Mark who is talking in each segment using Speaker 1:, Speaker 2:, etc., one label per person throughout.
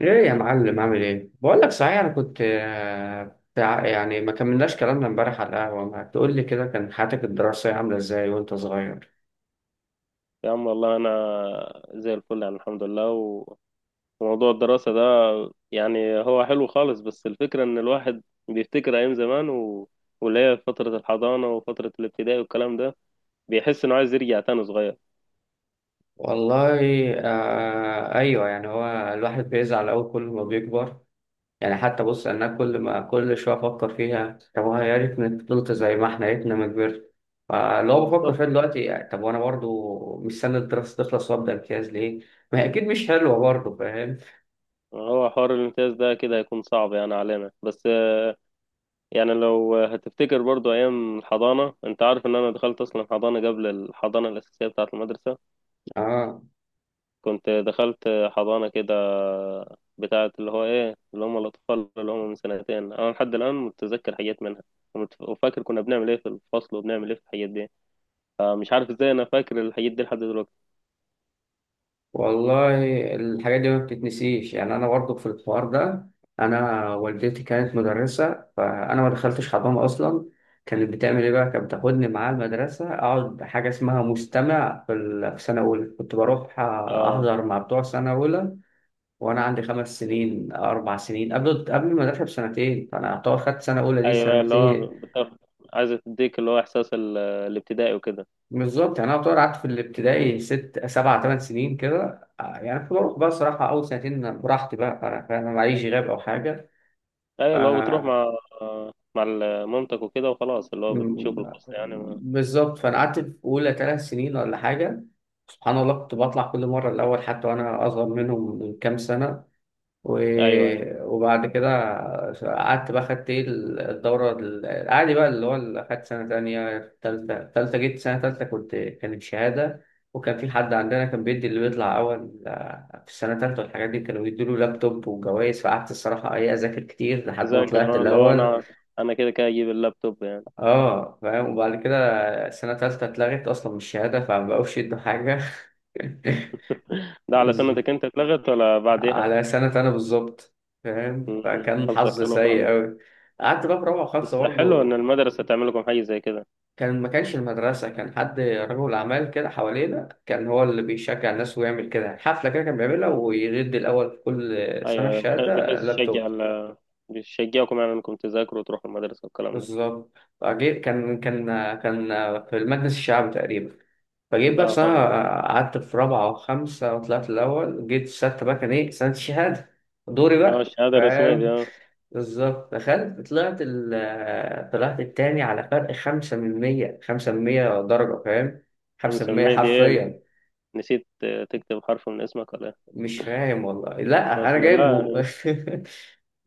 Speaker 1: ايه يا معلم عامل ايه؟ بقول لك صحيح، انا كنت يعني ما كملناش كلامنا امبارح على القهوه. ما تقول لي كده كان حياتك الدراسيه عامله ازاي وانت صغير؟
Speaker 2: يا عم والله انا زي الفل يعني الحمد لله وموضوع الدراسة ده يعني هو حلو خالص بس الفكرة ان الواحد بيفتكر ايام زمان واللي هي فترة الحضانة وفترة الابتدائي والكلام ده بيحس انه عايز يرجع تاني صغير.
Speaker 1: والله آه ايوه، يعني هو الواحد بيزعل قوي كل ما بيكبر. يعني حتى بص انا كل ما كل شويه افكر فيها، طب هو يا ريتني فضلت زي ما احنا، يا ريتنا ما كبرت. فاللي هو بفكر
Speaker 2: بالظبط،
Speaker 1: فيها دلوقتي، يعني طب وانا برضو مستني الدراسه تخلص وابدا امتياز ليه؟ ما هي اكيد مش حلوه برضو، فاهم.
Speaker 2: هو حوار الامتياز ده كده هيكون صعب يعني علينا. بس يعني لو هتفتكر برضو ايام الحضانة، انت عارف ان انا دخلت اصلا حضانة قبل الحضانة الاساسية بتاعة المدرسة.
Speaker 1: اه
Speaker 2: كنت دخلت حضانة كده بتاعة اللي هو إيه اللي هم الأطفال اللي هم من سنتين. أنا لحد الآن متذكر حاجات منها، وفاكر كنا بنعمل إيه في الفصل وبنعمل إيه في الحاجات دي. فمش عارف إزاي أنا فاكر الحاجات دي لحد دلوقتي.
Speaker 1: والله الحاجات دي ما بتتنسيش. يعني انا برضه في الحوار ده، انا والدتي كانت مدرسه فانا ما دخلتش حضانه اصلا. كانت بتعمل ايه بقى؟ كانت بتاخدني معاها المدرسه اقعد حاجه اسمها مستمع في سنه اولى، كنت بروح
Speaker 2: آه،
Speaker 1: احضر مع بتوع سنه اولى وانا عندي خمس سنين، اربع سنين، قبل المدرسه بسنتين. فانا اعتبر خدت سنه اولى دي
Speaker 2: أيوه،
Speaker 1: سنتين.
Speaker 2: عايزة تديك اللي هو إحساس الابتدائي وكده.
Speaker 1: بالظبط، يعني انا طبعا قعدت في الابتدائي ست سبع ثمان سنين كده يعني كنت بروح بقى الصراحه. اول سنتين براحتي بقى، انا فاهم، معيش غياب او حاجه.
Speaker 2: أيوه، اللي هو بتروح
Speaker 1: آه،
Speaker 2: مع مامتك وكده وخلاص، اللي هو بتشوف
Speaker 1: م-
Speaker 2: الفصل يعني
Speaker 1: بالظبط، فانا قعدت في اولى ثلاث سنين ولا حاجه. سبحان الله كنت بطلع كل مره الاول، حتى وانا اصغر منهم من كام سنه.
Speaker 2: أيوه أيوه،
Speaker 1: وبعد كده قعدت بقى، خدت ايه الدورة العادي بقى، اللي هو اللي خدت سنة تانية تالتة. تالتة جيت سنة تالتة كنت، كانت شهادة. وكان في حد عندنا كان بيدي اللي بيطلع أول في السنة التالتة، والحاجات دي كانوا بيدوله لابتوب وجوائز. فقعدت الصراحة ايه، أذاكر كتير لحد ما طلعت
Speaker 2: تذاكر، آه، اللي هو
Speaker 1: الأول.
Speaker 2: أنا أنا كده كده أجيب اللابتوب يعني.
Speaker 1: اه فاهم. وبعد كده السنة التالتة اتلغت أصلا من الشهادة فما بقوش يدوا حاجة.
Speaker 2: ده على سنتك أنت اتلغت ولا بعديها؟
Speaker 1: على سنة أنا بالظبط، فاهم،
Speaker 2: مم.
Speaker 1: فكان
Speaker 2: قصدك
Speaker 1: حظ
Speaker 2: حلو
Speaker 1: سيء
Speaker 2: خالص.
Speaker 1: أوي. قعدت بقى في رابعة وخمسة
Speaker 2: بس حلو ان
Speaker 1: برضه.
Speaker 2: المدرسه تعمل لكم حاجه زي كده.
Speaker 1: كان، ما كانش المدرسة، كان حد رجل أعمال كده حوالينا، كان هو اللي بيشجع الناس ويعمل كده. يعني حفلة كده كان بيعملها ويرد الأول في كل سنة
Speaker 2: ايوه أيوة،
Speaker 1: الشهادة
Speaker 2: بحيث
Speaker 1: لابتوب.
Speaker 2: يشجع بيشجعكم يعني انكم تذاكروا وتروحوا المدرسه والكلام ده.
Speaker 1: بالظبط، فجيت، كان في المجلس الشعبي تقريبا. فجيت بقى في
Speaker 2: اه
Speaker 1: سنة،
Speaker 2: فاهمك، اه.
Speaker 1: قعدت في رابعة وخمسة وطلعت الأول. جيت في ستة بقى كان إيه سنة الشهادة، دوري
Speaker 2: آه،
Speaker 1: بقى،
Speaker 2: الشهاده الرسميه دي،
Speaker 1: فاهم.
Speaker 2: اه.
Speaker 1: بالظبط، دخلت طلعت ال، طلعت التاني على فرق خمسة من مية. خمسة من مية درجة، فاهم، خمسة من مية
Speaker 2: مسميه دي ايه؟
Speaker 1: حرفيا.
Speaker 2: نسيت. آه، تكتب حرف من اسمك ولا ايه؟
Speaker 1: مش فاهم والله، لا أنا
Speaker 2: اصل لا
Speaker 1: جايبه.
Speaker 2: يعني.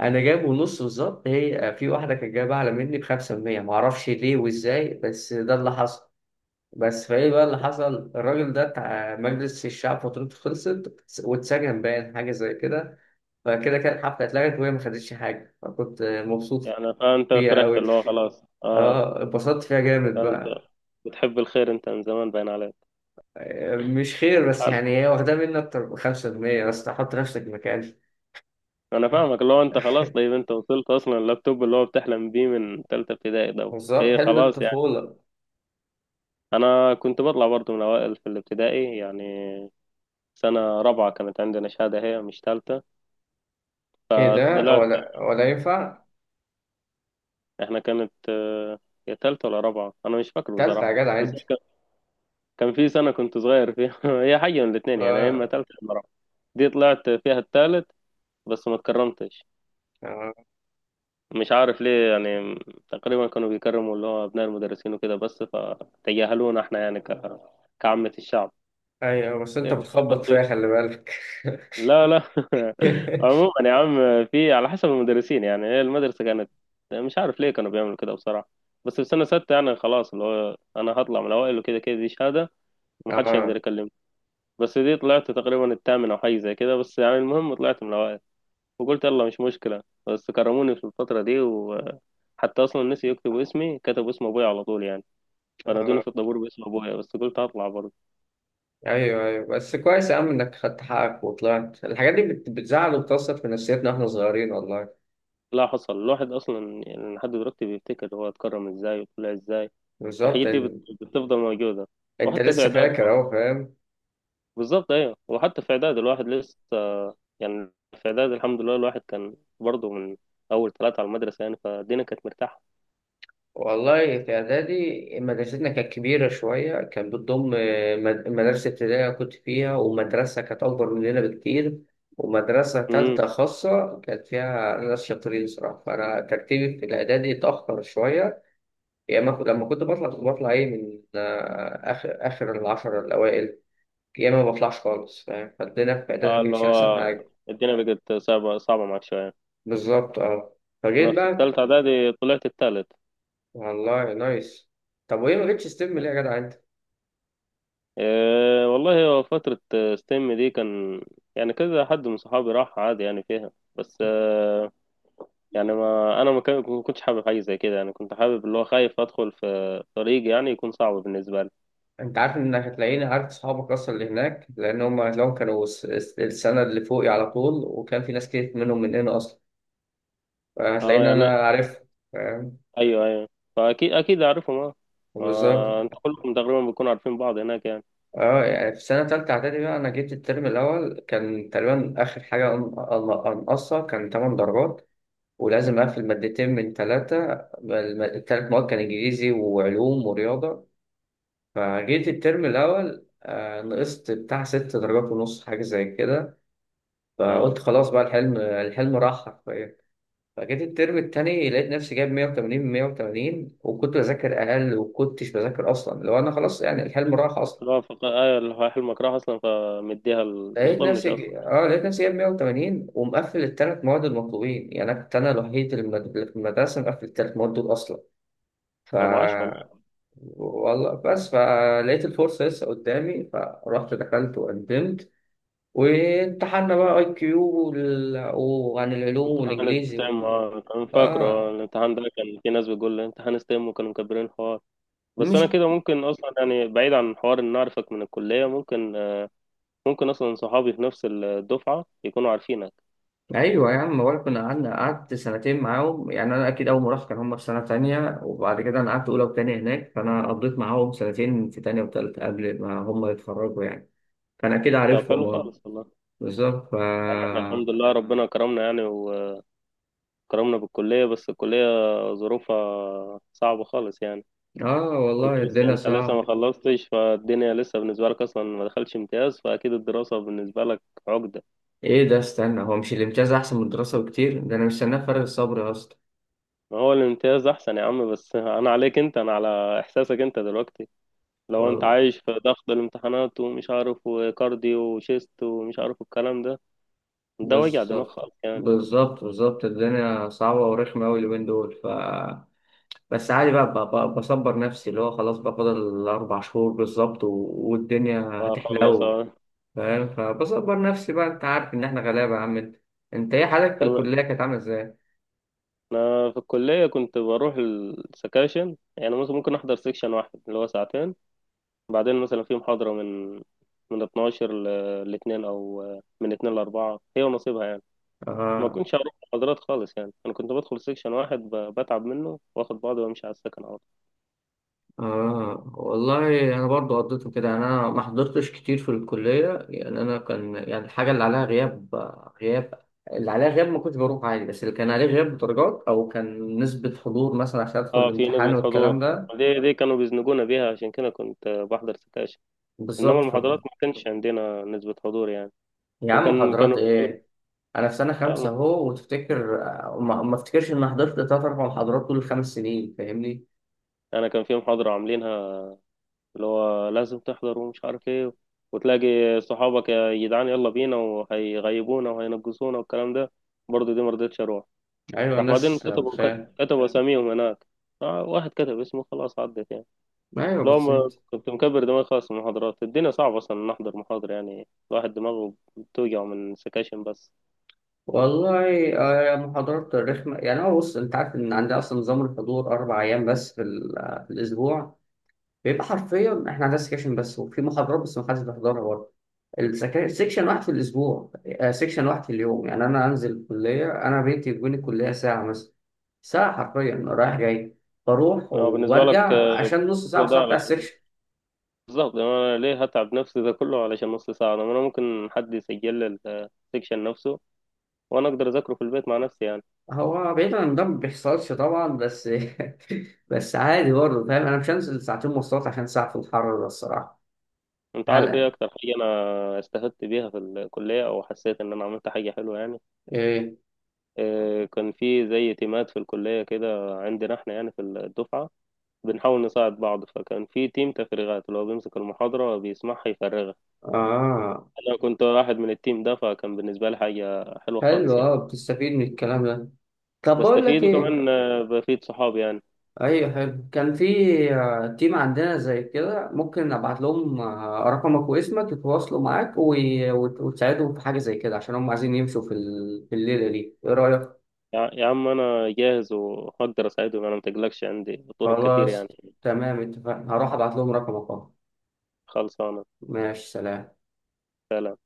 Speaker 1: أنا جايبه نص بالظبط، هي في واحدة كانت جايبة أعلى مني بخمسة من مية، معرفش ليه وإزاي، بس ده اللي حصل. بس فإيه بقى اللي حصل، الراجل ده بتاع مجلس الشعب فترته خلصت واتسجن، باين حاجة زي كده. فكده كانت الحفلة اتلغت وهي ما خدتش حاجة، فكنت مبسوط
Speaker 2: يعني فانت
Speaker 1: فيها
Speaker 2: فرحت،
Speaker 1: أوي.
Speaker 2: اللي هو خلاص، اه.
Speaker 1: اه اتبسطت فيها جامد
Speaker 2: انت
Speaker 1: بقى.
Speaker 2: بتحب الخير انت، من زمان باين عليك.
Speaker 1: مش خير بس،
Speaker 2: انا،
Speaker 1: يعني هي واخدة مني أكتر بخمسة جنيه بس، حط نفسك مكاني.
Speaker 2: أنا فاهمك، اللي هو انت خلاص. طيب انت وصلت اصلا اللابتوب اللي هو بتحلم بيه من ثالثه ابتدائي ده.
Speaker 1: بالظبط،
Speaker 2: ايه
Speaker 1: حلم
Speaker 2: خلاص.
Speaker 1: الطفولة.
Speaker 2: انا كنت بطلع برضو من اوائل في الابتدائي يعني. سنة رابعة كانت عندنا شهادة، هي مش تالتة.
Speaker 1: إيه ده،
Speaker 2: طلعت،
Speaker 1: ولا ينفع.
Speaker 2: احنا كانت، آه، يا تالتة ولا رابعة انا مش فاكر
Speaker 1: تالتة يا
Speaker 2: بصراحة.
Speaker 1: جدع
Speaker 2: بس
Speaker 1: أنت.
Speaker 2: كان كان في سنة كنت صغير فيها هي حاجة من الاتنين يعني، يا اما
Speaker 1: اه.
Speaker 2: تالتة يا اما رابعة. دي طلعت فيها التالت بس ما اتكرمتش.
Speaker 1: اه
Speaker 2: مش عارف ليه يعني. تقريبا كانوا بيكرموا اللي هو ابناء المدرسين وكده بس، فتجاهلونا احنا يعني كعامة الشعب.
Speaker 1: أيوه، بس أنت بتخبط
Speaker 2: بس،
Speaker 1: فيها خلي بالك.
Speaker 2: لا لا عموما يا عم، في على حسب المدرسين. يعني هي المدرسة كانت، مش عارف ليه كانوا بيعملوا كده بصراحة. بس في سنة ستة يعني خلاص، اللي هو أنا هطلع من الأوائل وكده كده، دي شهادة ومحدش هيقدر
Speaker 1: اه.
Speaker 2: يكلمني. بس دي طلعت تقريبا الثامن أو حاجة زي كده، بس يعني المهم طلعت من الأوائل وقلت يلا مش مشكلة. بس كرموني في الفترة دي، وحتى أصلا نسي يكتبوا اسمي، كتبوا اسم أبويا على طول يعني. فنادوني
Speaker 1: اه
Speaker 2: في الطابور باسم أبويا بس قلت هطلع برضه.
Speaker 1: أيوه أيوه، بس كويس يا عم إنك خدت حقك وطلعت. الحاجات دي بتزعل وبتأثر في نفسيتنا إحنا صغيرين والله.
Speaker 2: لا حصل، الواحد أصلا يعني لحد دلوقتي بيفتكر هو اتكرم إزاي وطلع إزاي.
Speaker 1: بالظبط،
Speaker 2: الحاجات دي
Speaker 1: إن-،
Speaker 2: بتفضل موجودة.
Speaker 1: أنت
Speaker 2: وحتى في
Speaker 1: لسه
Speaker 2: إعدادي
Speaker 1: فاكر
Speaker 2: برضه.
Speaker 1: أهو، فاهم.
Speaker 2: بالظبط أيوة، وحتى في إعدادي الواحد لسه، يعني في إعدادي الحمد لله الواحد كان برضه من أول ثلاثة على المدرسة يعني، فالدنيا كانت مرتاحة.
Speaker 1: والله في إعدادي مدرستنا كانت كبيرة شوية، كانت بتضم مدرسة ابتدائية كنت فيها، ومدرسة كانت أكبر مننا بكتير، ومدرسة
Speaker 2: امم،
Speaker 1: تالتة خاصة كانت فيها ناس شاطرين صراحة. فأنا ترتيبي في الإعدادي اتأخر شوية. يا إما لما كنت بطلع كنت بطلع إيه من آخر العشرة الأوائل، يا إما ما بطلعش خالص، فاهم. فالدنيا في إعدادي
Speaker 2: آه،
Speaker 1: ما
Speaker 2: اللي
Speaker 1: كانتش
Speaker 2: هو
Speaker 1: أحسن حاجة.
Speaker 2: الدنيا بقت صعبة، صعبة معاك شوية.
Speaker 1: بالظبط أه.
Speaker 2: أنا
Speaker 1: فجيت
Speaker 2: في
Speaker 1: بقى،
Speaker 2: الثالثة إعدادي طلعت الثالث.
Speaker 1: والله نايس. طب وإيه ما جبتش ستيم ليه يا جدع أنت؟
Speaker 2: إيه والله، هو فترة ستيم دي كان، يعني كذا حد من صحابي راح عادي يعني فيها، بس آه، يعني ما انا ما كان- ما كنتش حابب حاجه زي كده يعني. كنت حابب اللي هو خايف ادخل في طريق يعني يكون صعب بالنسبه لي.
Speaker 1: انت عارف انك هتلاقيني عارف اصحابك اصلا اللي هناك، لان هم هتلاقيهم كانوا السنه اللي فوقي على طول، وكان في ناس كتير منهم من هنا اصلا.
Speaker 2: اه
Speaker 1: فهتلاقيني
Speaker 2: يعني،
Speaker 1: انا عارف، فاهم.
Speaker 2: ايوه ايوه، فاكيد اكيد اعرفهم، اه.
Speaker 1: بالظبط.
Speaker 2: ما انت كلكم تقريبا بتكونوا عارفين بعض هناك يعني.
Speaker 1: اه يعني في سنه تالته اعدادي بقى انا جيت الترم الاول كان تقريبا اخر حاجه انقصها كان 8 درجات، ولازم اقفل مادتين من ثلاثه. الثلاث مواد كان انجليزي وعلوم ورياضه. فجيت الترم الاول نقصت بتاع ست درجات ونص حاجه زي كده.
Speaker 2: اه.
Speaker 1: فقلت خلاص بقى، الحلم راح حرفيا. فجيت الترم التاني لقيت نفسي جايب 180 من 180، وكنت بذاكر أقل وكنتش بذاكر أصلا، لو أنا خلاص، يعني الحلم راح أصلا.
Speaker 2: لا فق... ايوه، اللي هو حلمك راح اصلا فمديها
Speaker 1: لقيت
Speaker 2: مطمنش
Speaker 1: نفسي ج-
Speaker 2: اصلا.
Speaker 1: اه لقيت نفسي جايب 180 ومقفل التلات مواد المطلوبين. يعني أنا كنت أنا الوحيد اللي في المدرسة مقفل التلات مواد دول أصلا. ف
Speaker 2: طب عاش والله.
Speaker 1: والله، بس فلقيت الفرصة لسه قدامي، فرحت دخلت وقدمت وامتحنا بقى اي كيو وال... وعن العلوم
Speaker 2: امتحان
Speaker 1: والانجليزي.
Speaker 2: استعم، اه، كان فاكره. آه،
Speaker 1: اه
Speaker 2: الامتحان ده كان في ناس بتقول لي امتحان استعم وكانوا مكبرين الحوار. بس انا
Speaker 1: مش.
Speaker 2: كده ممكن اصلا يعني، بعيد عن حوار ان اعرفك من الكليه، ممكن ممكن اصلا صحابي في نفس الدفعه يكونوا عارفينك.
Speaker 1: ايوه يا عم بقول كنا قعدنا، قعدت سنتين معاهم. يعني انا اكيد اول ما رحت كان هم في سنه تانية، وبعد كده انا قعدت اولى وتانية هناك، فانا قضيت معاهم سنتين في تانية وتالتة قبل ما هم يتخرجوا يعني. فانا اكيد
Speaker 2: طب
Speaker 1: عارفهم
Speaker 2: حلو
Speaker 1: اه.
Speaker 2: خالص والله.
Speaker 1: بالظبط ف.
Speaker 2: يا عم احنا الحمد لله ربنا كرمنا يعني، وكرمنا بالكليه، بس الكليه ظروفها صعبه خالص يعني.
Speaker 1: اه
Speaker 2: انت
Speaker 1: والله
Speaker 2: لسه،
Speaker 1: الدنيا
Speaker 2: انت لسه ما
Speaker 1: صعب.
Speaker 2: خلصتش، فالدنيا لسه بالنسبه لك اصلا ما دخلش امتياز، فاكيد الدراسه بالنسبه لك عقده.
Speaker 1: ايه ده، استنى، هو مش الامتياز احسن من الدراسه بكتير؟ ده انا مستناه بفارغ الصبر يا اسطى.
Speaker 2: ما هو الامتياز احسن يا عم، بس انا عليك انت، انا على احساسك انت دلوقتي. لو انت
Speaker 1: وال-،
Speaker 2: عايش في ضغط الامتحانات ومش عارف وكارديو وشيست ومش عارف الكلام ده، ده وجع دماغ
Speaker 1: بالظبط
Speaker 2: خالص يعني.
Speaker 1: بالظبط الدنيا صعبه ورخمه قوي اليومين دول. ف بس عادي بقى، بصبر نفسي اللي هو خلاص بقى، فاضل الأربع شهور بالظبط، والدنيا
Speaker 2: فخلص
Speaker 1: هتحلو،
Speaker 2: آه.
Speaker 1: فاهم. فبصبر نفسي بقى، أنت عارف إن إحنا غلابة يا عم أنت. أنت إيه حالك في
Speaker 2: تمام.
Speaker 1: الكلية؟ كانت عاملة إزاي؟
Speaker 2: انا في الكليه كنت بروح السكاشن، يعني مثلا ممكن احضر سكشن واحد اللي هو ساعتين، بعدين مثلا في محاضره من من 12 ل 2 او من 2 ل 4، هي ونصيبها يعني. ما
Speaker 1: آه.
Speaker 2: كنتش اروح محاضرات خالص يعني، انا كنت بدخل سكشن واحد بتعب منه واخد بعضي وامشي على السكن على طول.
Speaker 1: آه والله أنا برضو قضيته كده، يعني أنا ما حضرتش كتير في الكلية. يعني أنا كان، يعني الحاجة اللي عليها غياب، غياب اللي عليها غياب ما كنتش بروح عادي، بس اللي كان عليه غياب درجات أو كان نسبة حضور مثلا عشان أدخل
Speaker 2: اه، في
Speaker 1: الامتحان
Speaker 2: نسبه
Speaker 1: والكلام
Speaker 2: حضور،
Speaker 1: ده.
Speaker 2: دي كانوا بيزنقونا بيها عشان كده كنت بحضر سكاشن. انما
Speaker 1: بالظبط ف-.
Speaker 2: المحاضرات ما كانش عندنا نسبه حضور يعني.
Speaker 1: يا عم
Speaker 2: وكان
Speaker 1: محاضرات
Speaker 2: كانوا
Speaker 1: إيه، انا في سنه خمسه
Speaker 2: لا
Speaker 1: اهو وتفتكر ما افتكرش اني حضرت ثلاث اربع محاضرات طول الخمس سنين، فاهمني.
Speaker 2: انا كان في محاضره عاملينها اللي هو لازم تحضر ومش عارف ايه، وتلاقي صحابك يا جدعان يلا بينا، وهيغيبونا وهينقصونا والكلام ده. برضه دي مرضتش اروح.
Speaker 1: ايوه
Speaker 2: راح بعدين
Speaker 1: الناس
Speaker 2: كتبوا
Speaker 1: بتخيل.
Speaker 2: كتبوا اساميهم هناك، آه، واحد كتب اسمه خلاص عدت يعني.
Speaker 1: ايوه
Speaker 2: لو ما
Speaker 1: بسيط.
Speaker 2: كنت مكبر دماغي خلاص من المحاضرات، الدنيا صعبة أصلا نحضر محاضرة، يعني الواحد دماغه بتوجع من سكاشن بس.
Speaker 1: والله محاضرات رخمه. يعني هو بص، انت عارف ان عندنا اصلا نظام الحضور اربع ايام بس في, ال- آه، في الاسبوع، بيبقى حرفيا احنا عندنا سكشن بس وفي محاضرات بس ما حدش بيحضرها برضه. سكشن واحد في الاسبوع، سكشن واحد في اليوم. يعني انا انزل الكليه، انا بيتي بين الكليه ساعه مثلا، ساعه حرفيا رايح جاي، بروح
Speaker 2: لو بالنسبة لك،
Speaker 1: وبرجع
Speaker 2: آه،
Speaker 1: عشان نص ساعه
Speaker 2: كل ده
Speaker 1: وساعه بتاع
Speaker 2: علشان،
Speaker 1: السكشن.
Speaker 2: بالظبط. أنا ليه هتعب نفسي ده كله علشان نص ساعة؟ أنا ممكن حد يسجل لي السكشن نفسه وانا اقدر اذاكره في البيت مع نفسي يعني.
Speaker 1: هو بعيدا عن ده ما بيحصلش طبعا، بس بس عادي برضه فاهم. انا مش هنزل ساعتين مواصلات عشان ساعه في الحر ده الصراحه.
Speaker 2: انت عارف ايه
Speaker 1: هلا.
Speaker 2: اكتر حاجه انا استفدت بيها في الكليه او حسيت ان انا عملت حاجه حلوه يعني؟
Speaker 1: ايه.
Speaker 2: إيه، كان في زي تيمات في الكليه كده عندنا احنا يعني في الدفعه، بنحاول نساعد بعض. فكان في تيم تفريغات اللي هو بيمسك المحاضره بيسمعها يفرغها،
Speaker 1: اه
Speaker 2: انا كنت واحد من التيم ده، فكان بالنسبه لي حاجه حلوه
Speaker 1: حلو
Speaker 2: خالص
Speaker 1: اه،
Speaker 2: يعني.
Speaker 1: بتستفيد من الكلام ده. طب بقول لك
Speaker 2: بستفيد،
Speaker 1: ايه.
Speaker 2: وكمان آه، بفيد صحابي يعني.
Speaker 1: ايوه حلو، كان في تيم عندنا زي كده، ممكن ابعت لهم رقمك واسمك يتواصلوا معاك وتساعدهم في حاجه زي كده، عشان هم عايزين يمشوا في الليله دي، ايه رايك؟
Speaker 2: يا عم انا جاهز وهقدر اساعدهم، انا متقلقش عندي طرق كتير يعني.
Speaker 1: خلاص تمام اتفقنا، هروح ابعت لهم رقمك اهو.
Speaker 2: خلصانه.
Speaker 1: ماشي سلام.
Speaker 2: سلام.